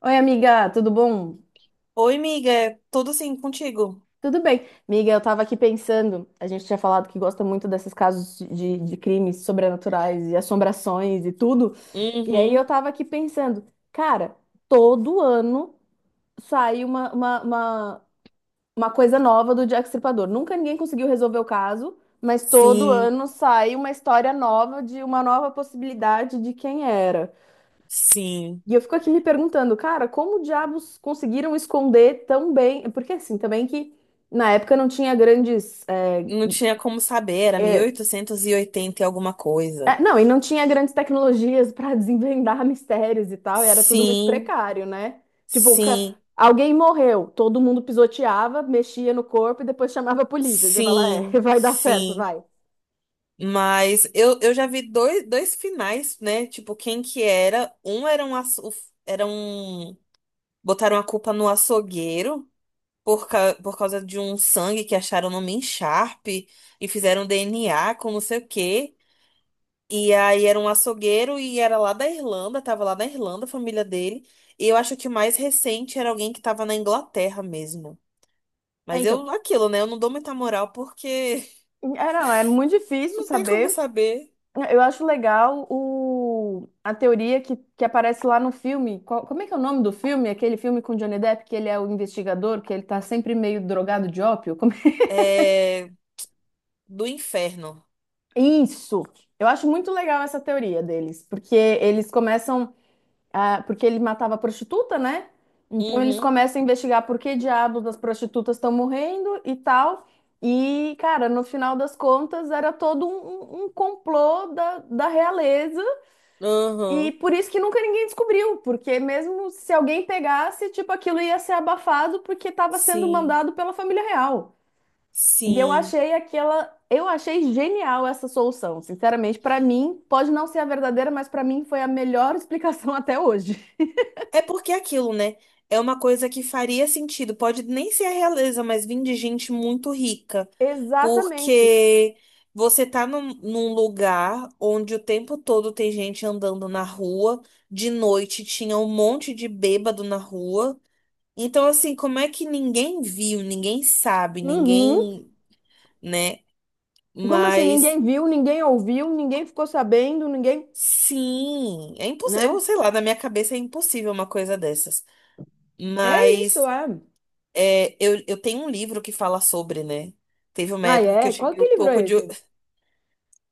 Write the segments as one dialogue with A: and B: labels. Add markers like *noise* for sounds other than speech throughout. A: Oi, amiga, tudo bom?
B: Oi, miga, tudo sim contigo?
A: Tudo bem. Amiga, eu tava aqui pensando, a gente tinha falado que gosta muito desses casos de crimes sobrenaturais e assombrações e tudo. E aí eu
B: Uhum.
A: tava aqui pensando, cara, todo ano sai uma coisa nova do Jack Stripador. Nunca ninguém conseguiu resolver o caso, mas todo
B: Sim,
A: ano sai uma história nova de uma nova possibilidade de quem era.
B: sim.
A: E eu fico aqui me perguntando, cara, como diabos conseguiram esconder tão bem? Porque assim, também que na época não tinha grandes.
B: Não tinha como saber, era mil
A: É,
B: oitocentos e oitenta e alguma coisa.
A: não, e não tinha grandes tecnologias para *laughs* desvendar mistérios e tal, e era tudo muito
B: Sim,
A: precário, né? Tipo,
B: sim,
A: alguém morreu, todo mundo pisoteava, mexia no corpo e depois chamava a polícia. E você fala, *laughs*
B: sim,
A: vai dar certo,
B: sim.
A: vai.
B: Mas eu já vi dois finais, né? Tipo, quem que era? Era um. Botaram a culpa no açougueiro por causa de um sangue que acharam numa encharpe e fizeram DNA com não sei o quê. E aí era um açougueiro e era lá da Irlanda, tava lá na Irlanda, a família dele. E eu acho que o mais recente era alguém que tava na Inglaterra mesmo.
A: É,
B: Mas
A: então.
B: eu, aquilo, né? Eu não dou muita moral porque
A: É, não, é muito
B: *laughs*
A: difícil
B: não tem como
A: saber.
B: saber.
A: Eu acho legal a teoria que aparece lá no filme. Como é que é o nome do filme? Aquele filme com Johnny Depp, que ele é o investigador, que ele tá sempre meio drogado de ópio?
B: É do inferno.
A: É? Isso! Eu acho muito legal essa teoria deles, porque eles começam porque ele matava prostituta, né? Então eles
B: Uhum,
A: começam a investigar por que diabos as prostitutas estão morrendo e tal. E, cara, no final das contas, era todo um complô da realeza. E
B: uhum.
A: por isso que nunca ninguém descobriu, porque mesmo se alguém pegasse, tipo, aquilo ia ser abafado porque estava sendo
B: Sim,
A: mandado pela família real. E eu
B: sim.
A: achei aquela, eu achei genial essa solução. Sinceramente, para mim, pode não ser a verdadeira, mas para mim foi a melhor explicação *laughs* até hoje.
B: É porque é aquilo, né? É uma coisa que faria sentido. Pode nem ser a realeza, mas vim de gente muito rica.
A: Exatamente.
B: Porque você tá num lugar onde o tempo todo tem gente andando na rua, de noite tinha um monte de bêbado na rua. Então, assim, como é que ninguém viu, ninguém sabe,
A: Uhum.
B: ninguém, né?
A: Como assim,
B: Mas
A: ninguém viu, ninguém ouviu, ninguém ficou sabendo, ninguém,
B: sim, é impossível.
A: né?
B: Eu sei lá, na minha cabeça é impossível uma coisa dessas.
A: É isso,
B: Mas.
A: é.
B: É, eu tenho um livro que fala sobre, né? Teve uma
A: Ah,
B: época que
A: é?
B: eu
A: Qual
B: tive um
A: que livro
B: pouco
A: é
B: de.
A: esse?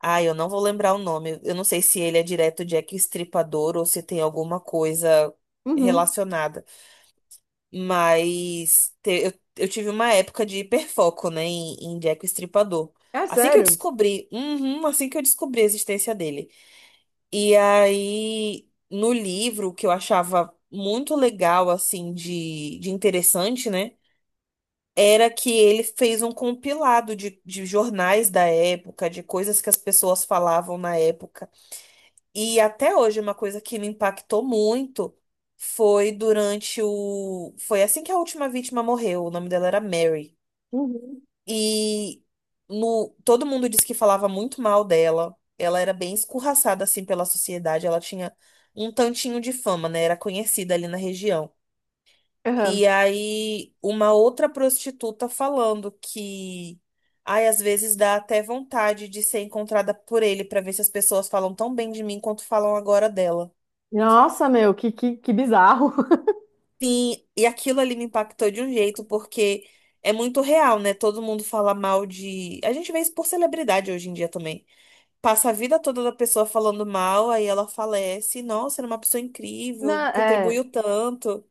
B: Ai, eu não vou lembrar o nome. Eu não sei se ele é direto Jack Estripador ou se tem alguma coisa
A: Uhum.
B: relacionada. Mas eu tive uma época de hiperfoco, né, em Jack Estripador.
A: É
B: Assim que eu
A: sério?
B: descobri, uhum, assim que eu descobri a existência dele. E aí, no livro, que eu achava muito legal, assim, de interessante, né? Era que ele fez um compilado de jornais da época, de coisas que as pessoas falavam na época. E até hoje, uma coisa que me impactou muito foi durante o. Foi assim que a última vítima morreu. O nome dela era Mary.
A: Uhum.
B: E no... todo mundo disse que falava muito mal dela. Ela era bem escorraçada assim pela sociedade. Ela tinha um tantinho de fama, né? Era conhecida ali na região.
A: Aham.
B: E aí, uma outra prostituta falando que, ai, às vezes dá até vontade de ser encontrada por ele pra ver se as pessoas falam tão bem de mim quanto falam agora dela.
A: Nossa, meu, que bizarro. *laughs*
B: Sim, e aquilo ali me impactou de um jeito, porque é muito real, né? Todo mundo fala mal de. A gente vê isso por celebridade hoje em dia também. Passa a vida toda da pessoa falando mal, aí ela falece. Nossa, era uma pessoa
A: Não,
B: incrível,
A: é,
B: contribuiu tanto.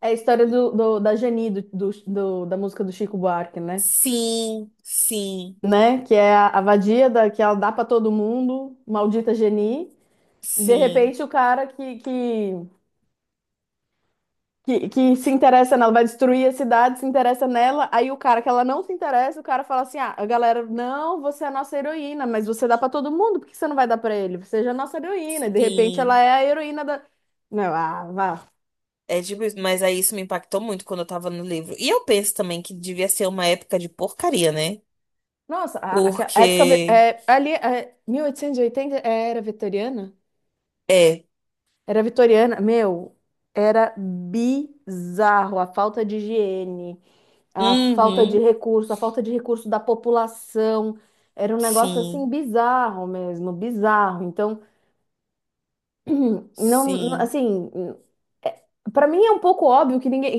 A: é a história da Geni, da música do Chico Buarque, né?
B: Sim, sim,
A: Né? Que é a vadia da, que ela dá pra todo mundo, maldita Geni. De
B: sim.
A: repente, o cara que se interessa nela, vai destruir a cidade, se interessa nela. Aí o cara que ela não se interessa, o cara fala assim: ah, a galera, não, você é a nossa heroína, mas você dá pra todo mundo, por que você não vai dar pra ele? Seja a nossa heroína. E de repente, ela
B: Sim,
A: é a heroína da. Não, ah, vá.
B: é tipo isso, mas aí isso me impactou muito quando eu tava no livro. E eu penso também que devia ser uma época de porcaria, né?
A: Nossa, aquela época
B: Porque
A: ali, 1880, era vitoriana?
B: é.
A: Era vitoriana, meu, era bizarro a falta de higiene, a falta de
B: Uhum.
A: recurso, a falta de recurso da população. Era um negócio assim
B: Sim.
A: bizarro mesmo, bizarro. Então, *clears throat* não,
B: Sim.
A: assim, para mim é um pouco óbvio que ninguém.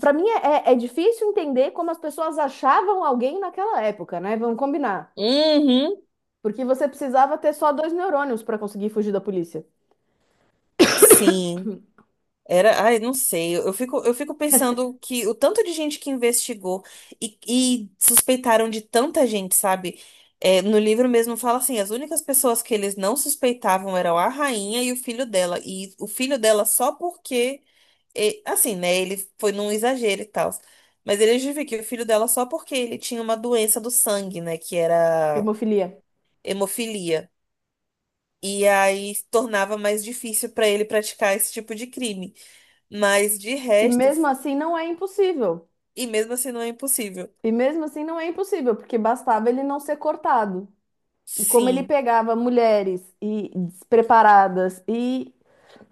A: Para mim é, é difícil entender como as pessoas achavam alguém naquela época, né? Vamos combinar.
B: Uhum.
A: Porque você precisava ter só dois neurônios para conseguir fugir da polícia.
B: Sim. Era, ai, não sei. Eu fico pensando que o tanto de gente que investigou e suspeitaram de tanta gente, sabe? É, no livro mesmo fala assim, as únicas pessoas que eles não suspeitavam eram a rainha e o filho dela. E o filho dela só porque E, assim, né? Ele foi num exagero e tal. Mas ele justifica o filho dela só porque ele tinha uma doença do sangue, né? Que era
A: Hemofilia.
B: hemofilia. E aí tornava mais difícil pra ele praticar esse tipo de crime. Mas de
A: E
B: resto,
A: mesmo assim não é impossível.
B: e mesmo assim não é impossível.
A: E mesmo assim não é impossível, porque bastava ele não ser cortado. E como ele
B: Sim.
A: pegava mulheres e despreparadas e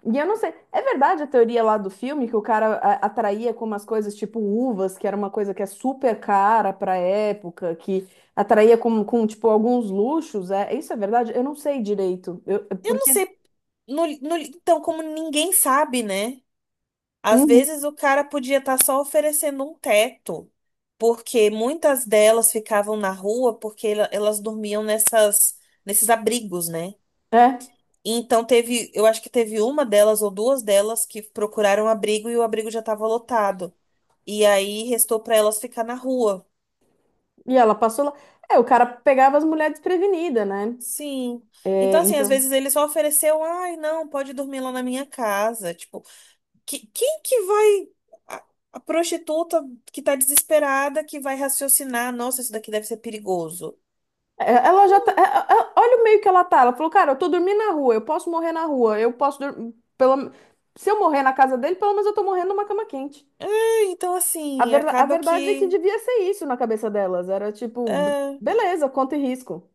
A: e eu não sei, é verdade a teoria lá do filme que o cara atraía com umas coisas tipo uvas, que era uma coisa que é super cara pra época, que atraía com tipo alguns luxos, isso é verdade? Eu não sei direito. Eu, é
B: Eu não
A: porque
B: sei. Então, como ninguém sabe, né? Às
A: Uhum.
B: vezes o cara podia estar só oferecendo um teto, porque muitas delas ficavam na rua porque elas dormiam nesses abrigos, né?
A: É.
B: E então teve, eu acho que teve uma delas ou duas delas que procuraram abrigo e o abrigo já estava lotado. E aí restou para elas ficar na rua.
A: E ela passou lá. É, o cara pegava as mulheres desprevenidas, né?
B: Sim.
A: É,
B: Então, assim, às
A: então.
B: vezes ele só ofereceu, ai, não, pode dormir lá na minha casa. Tipo, quem que vai. A, a prostituta que tá desesperada que vai raciocinar, nossa, isso daqui deve ser perigoso.
A: Ela já tá.
B: Hum.
A: Olha o meio que ela tá. Ela falou, cara, eu tô dormindo na rua, eu posso morrer na rua, eu posso. Pelo. Se eu morrer na casa dele, pelo menos eu tô morrendo numa cama quente.
B: É, então,
A: A
B: assim,
A: verda- a
B: acaba
A: verdade é que
B: que.
A: devia ser isso na cabeça delas. Era tipo,
B: É,
A: beleza, conta e risco.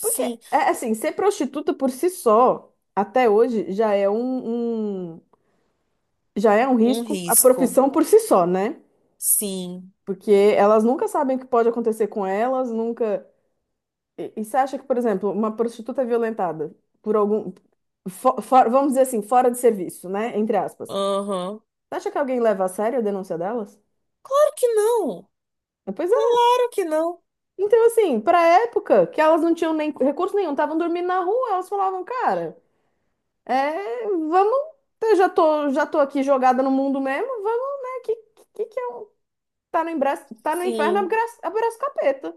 A: Porque, é assim, ser prostituta por si só, até hoje, já é já é um
B: um
A: risco, a
B: risco.
A: profissão por si só, né?
B: Sim.
A: Porque elas nunca sabem o que pode acontecer com elas, nunca. E você acha que, por exemplo, uma prostituta violentada por algum. Vamos dizer assim, fora de serviço, né? Entre aspas.
B: Aham.
A: Você acha que alguém leva a sério a denúncia delas?
B: Claro que não.
A: Ah, pois é.
B: Claro que não.
A: Então, assim, pra época que elas não tinham nem recurso nenhum, estavam dormindo na rua, elas falavam, cara, vamos. Eu já tô aqui jogada no mundo mesmo, vamos, né? Que é um. Tá no, embra... tá no inferno,
B: Sim.
A: abraço abraço capeta.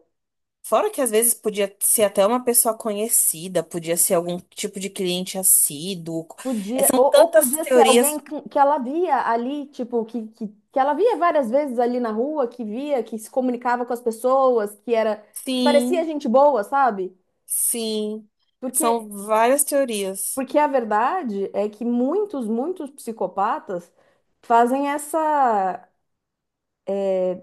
B: Fora que às vezes podia ser até uma pessoa conhecida, podia ser algum tipo de cliente assíduo. É,
A: Podia,
B: são
A: ou
B: tantas
A: podia ser alguém
B: teorias.
A: que ela via ali, tipo, que ela via várias vezes ali na rua, que via, que se comunicava com as pessoas, que era, que parecia
B: Sim.
A: gente boa, sabe?
B: Sim,
A: Porque,
B: são várias teorias.
A: porque a verdade é que muitos, muitos psicopatas fazem essa.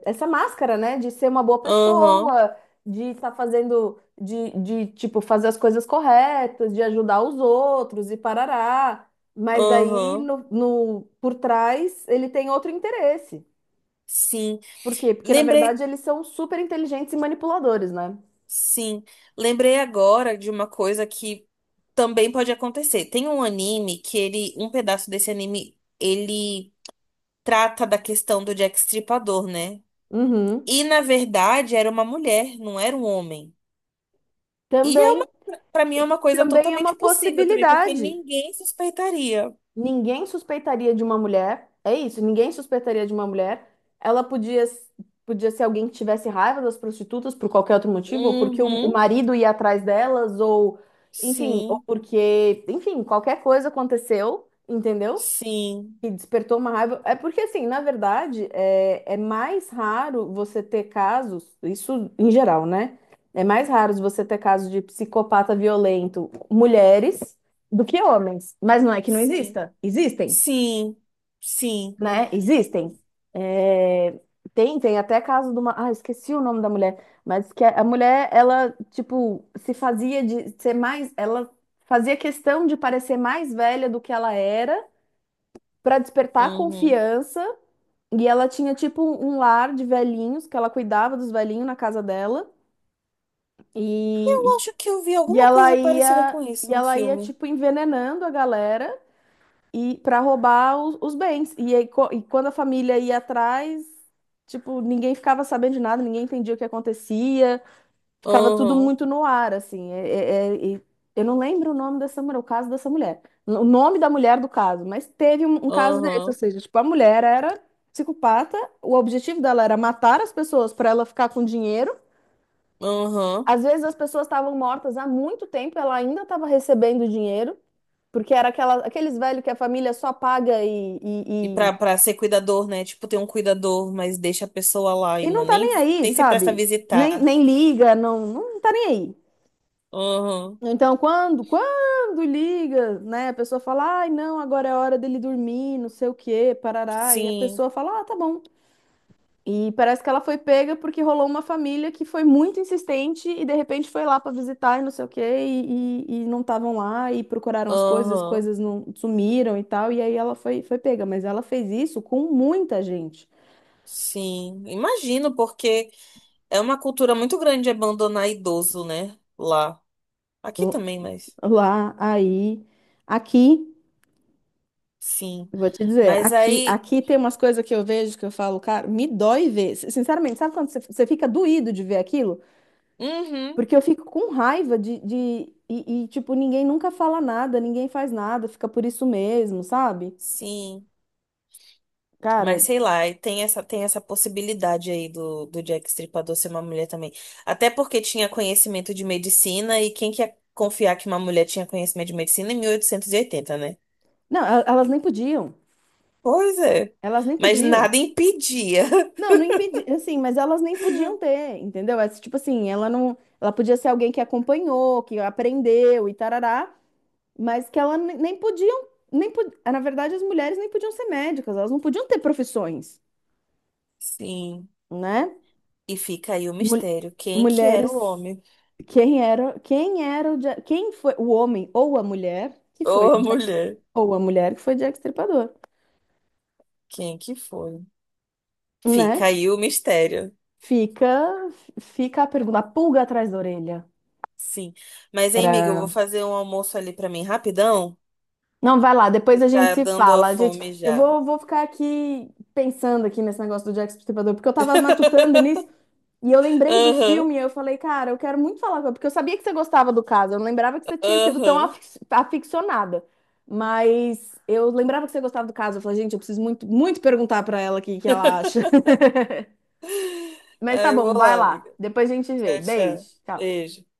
A: Essa máscara, né? De ser uma boa
B: Aham,
A: pessoa, de estar fazendo, tipo, fazer as coisas corretas, de ajudar os outros e parará. Mas daí,
B: aham,
A: por trás, ele tem outro interesse.
B: sim.
A: Por quê? Porque, na verdade,
B: Lembrei,
A: eles são super inteligentes e manipuladores, né?
B: sim, lembrei agora de uma coisa que também pode acontecer. Tem um anime que ele, um pedaço desse anime, ele trata da questão do Jack Stripador, né?
A: Uhum.
B: E na verdade era uma mulher, não era um homem. E é,
A: Também,
B: para mim é
A: e
B: uma coisa
A: também é
B: totalmente
A: uma
B: possível também, porque
A: possibilidade.
B: ninguém suspeitaria.
A: Ninguém suspeitaria de uma mulher. É isso, ninguém suspeitaria de uma mulher. Ela podia ser alguém que tivesse raiva das prostitutas por qualquer outro motivo, ou porque o
B: Uhum,
A: marido ia atrás delas, ou enfim, ou
B: sim,
A: porque, enfim, qualquer coisa aconteceu, entendeu?
B: sim,
A: Que despertou uma raiva. É porque, assim, na verdade, é mais raro você ter casos, isso em geral, né? É mais raro você ter casos de psicopata violento, mulheres, do que homens. Mas não é que não
B: sim.
A: exista. Existem,
B: Sim, sim.
A: né? Existem. É, tem até caso de uma. Ah, esqueci o nome da mulher. Mas que a mulher, ela, tipo, se fazia de ser mais. Ela fazia questão de parecer mais velha do que ela era. Para despertar
B: Uhum.
A: confiança e ela tinha tipo um lar de velhinhos, que ela cuidava dos velhinhos na casa dela.
B: Eu
A: E,
B: acho que eu vi
A: e
B: alguma
A: ela
B: coisa parecida
A: ia,
B: com
A: e
B: isso, um
A: ela ia
B: filme.
A: tipo envenenando a galera e para roubar os bens. E, aí, e quando a família ia atrás, tipo, ninguém ficava sabendo de nada, ninguém entendia o que acontecia ficava tudo
B: Aham,
A: muito no ar, assim. E eu não lembro o nome dessa mulher, o caso dessa mulher. O nome da mulher do caso, mas teve um caso desse, ou
B: aham,
A: seja, tipo, a mulher era psicopata, o objetivo dela era matar as pessoas para ela ficar com dinheiro.
B: aham.
A: Às vezes as pessoas estavam mortas há muito tempo, ela ainda estava recebendo dinheiro, porque era aqueles velhos que a família só paga e,
B: E
A: e, e,
B: pra ser cuidador, né? Tipo, tem um cuidador, mas deixa a pessoa lá e
A: e não
B: não,
A: tá
B: nem,
A: nem aí,
B: nem se presta a
A: sabe? Nem,
B: visitar.
A: nem liga, não, não tá nem aí.
B: Aham,
A: Então, quando liga, né, a pessoa fala, ai, não, agora é hora dele dormir, não sei o quê, parará, e a
B: sim,
A: pessoa fala, ah, tá bom. E parece que ela foi pega porque rolou uma família que foi muito insistente e de repente foi lá pra visitar e não sei o quê, e não estavam lá e procuraram as
B: aham,
A: coisas não sumiram e tal, e aí ela foi, foi pega, mas ela fez isso com muita gente.
B: sim. Imagino, porque é uma cultura muito grande abandonar idoso, né? Lá. Aqui
A: L-
B: também, mas
A: Lá, aí, aqui.
B: sim.
A: Vou te dizer,
B: Mas
A: aqui,
B: aí.
A: aqui tem umas coisas que eu vejo que eu falo, cara, me dói ver. Sinceramente, sabe quando você fica doído de ver aquilo?
B: Uhum,
A: Porque eu fico com raiva tipo, ninguém nunca fala nada, ninguém faz nada, fica por isso mesmo, sabe?
B: sim.
A: Cara,
B: Mas sei lá, e tem essa possibilidade aí do Jack Stripador ser uma mulher também. Até porque tinha conhecimento de medicina, e quem quer confiar que uma mulher tinha conhecimento de medicina em 1880, né?
A: não, elas nem podiam,
B: Pois é.
A: elas nem
B: Mas
A: podiam.
B: nada impedia.
A: Não, não impedi, assim, mas elas nem podiam ter, entendeu? É tipo assim, ela não, ela podia ser alguém que acompanhou, que aprendeu e tarará. Mas que ela ne- nem podiam, nem po- na verdade as mulheres nem podiam ser médicas, elas não podiam ter profissões,
B: *laughs* Sim.
A: né?
B: E fica aí o
A: Mul-
B: mistério. Quem que era o
A: Mulheres,
B: homem?
A: quem era quem foi o homem ou a mulher que foi
B: Ou a
A: o Jack,
B: mulher?
A: ou a mulher que foi Jack Stripador,
B: Quem que foi? Fica
A: né?
B: aí o mistério.
A: Fica, fica a pergunta, a pulga atrás da orelha.
B: Sim. Mas, hein, amiga, eu
A: Era...
B: vou fazer um almoço ali pra mim rapidão.
A: Não, vai lá,
B: Que
A: depois a gente
B: tá
A: se
B: dando a
A: fala. A gente,
B: fome
A: eu
B: já.
A: vou, vou ficar aqui pensando aqui nesse negócio do Jack Stripador porque eu tava matutando nisso.
B: *laughs*
A: E eu lembrei do
B: Aham,
A: filme e eu falei, cara, eu quero muito falar com porque eu sabia que você gostava do caso, eu não lembrava que você tinha sido tão
B: aham.
A: aficionada. Mas eu lembrava que você gostava do caso. Eu falei, gente, eu preciso muito, muito perguntar pra ela aqui o que que ela acha. *laughs* Mas tá
B: Aí eu
A: bom,
B: vou
A: vai
B: lá,
A: lá.
B: amiga.
A: Depois a gente vê.
B: Tchau, tchau.
A: Beijo. Tchau.
B: Beijo.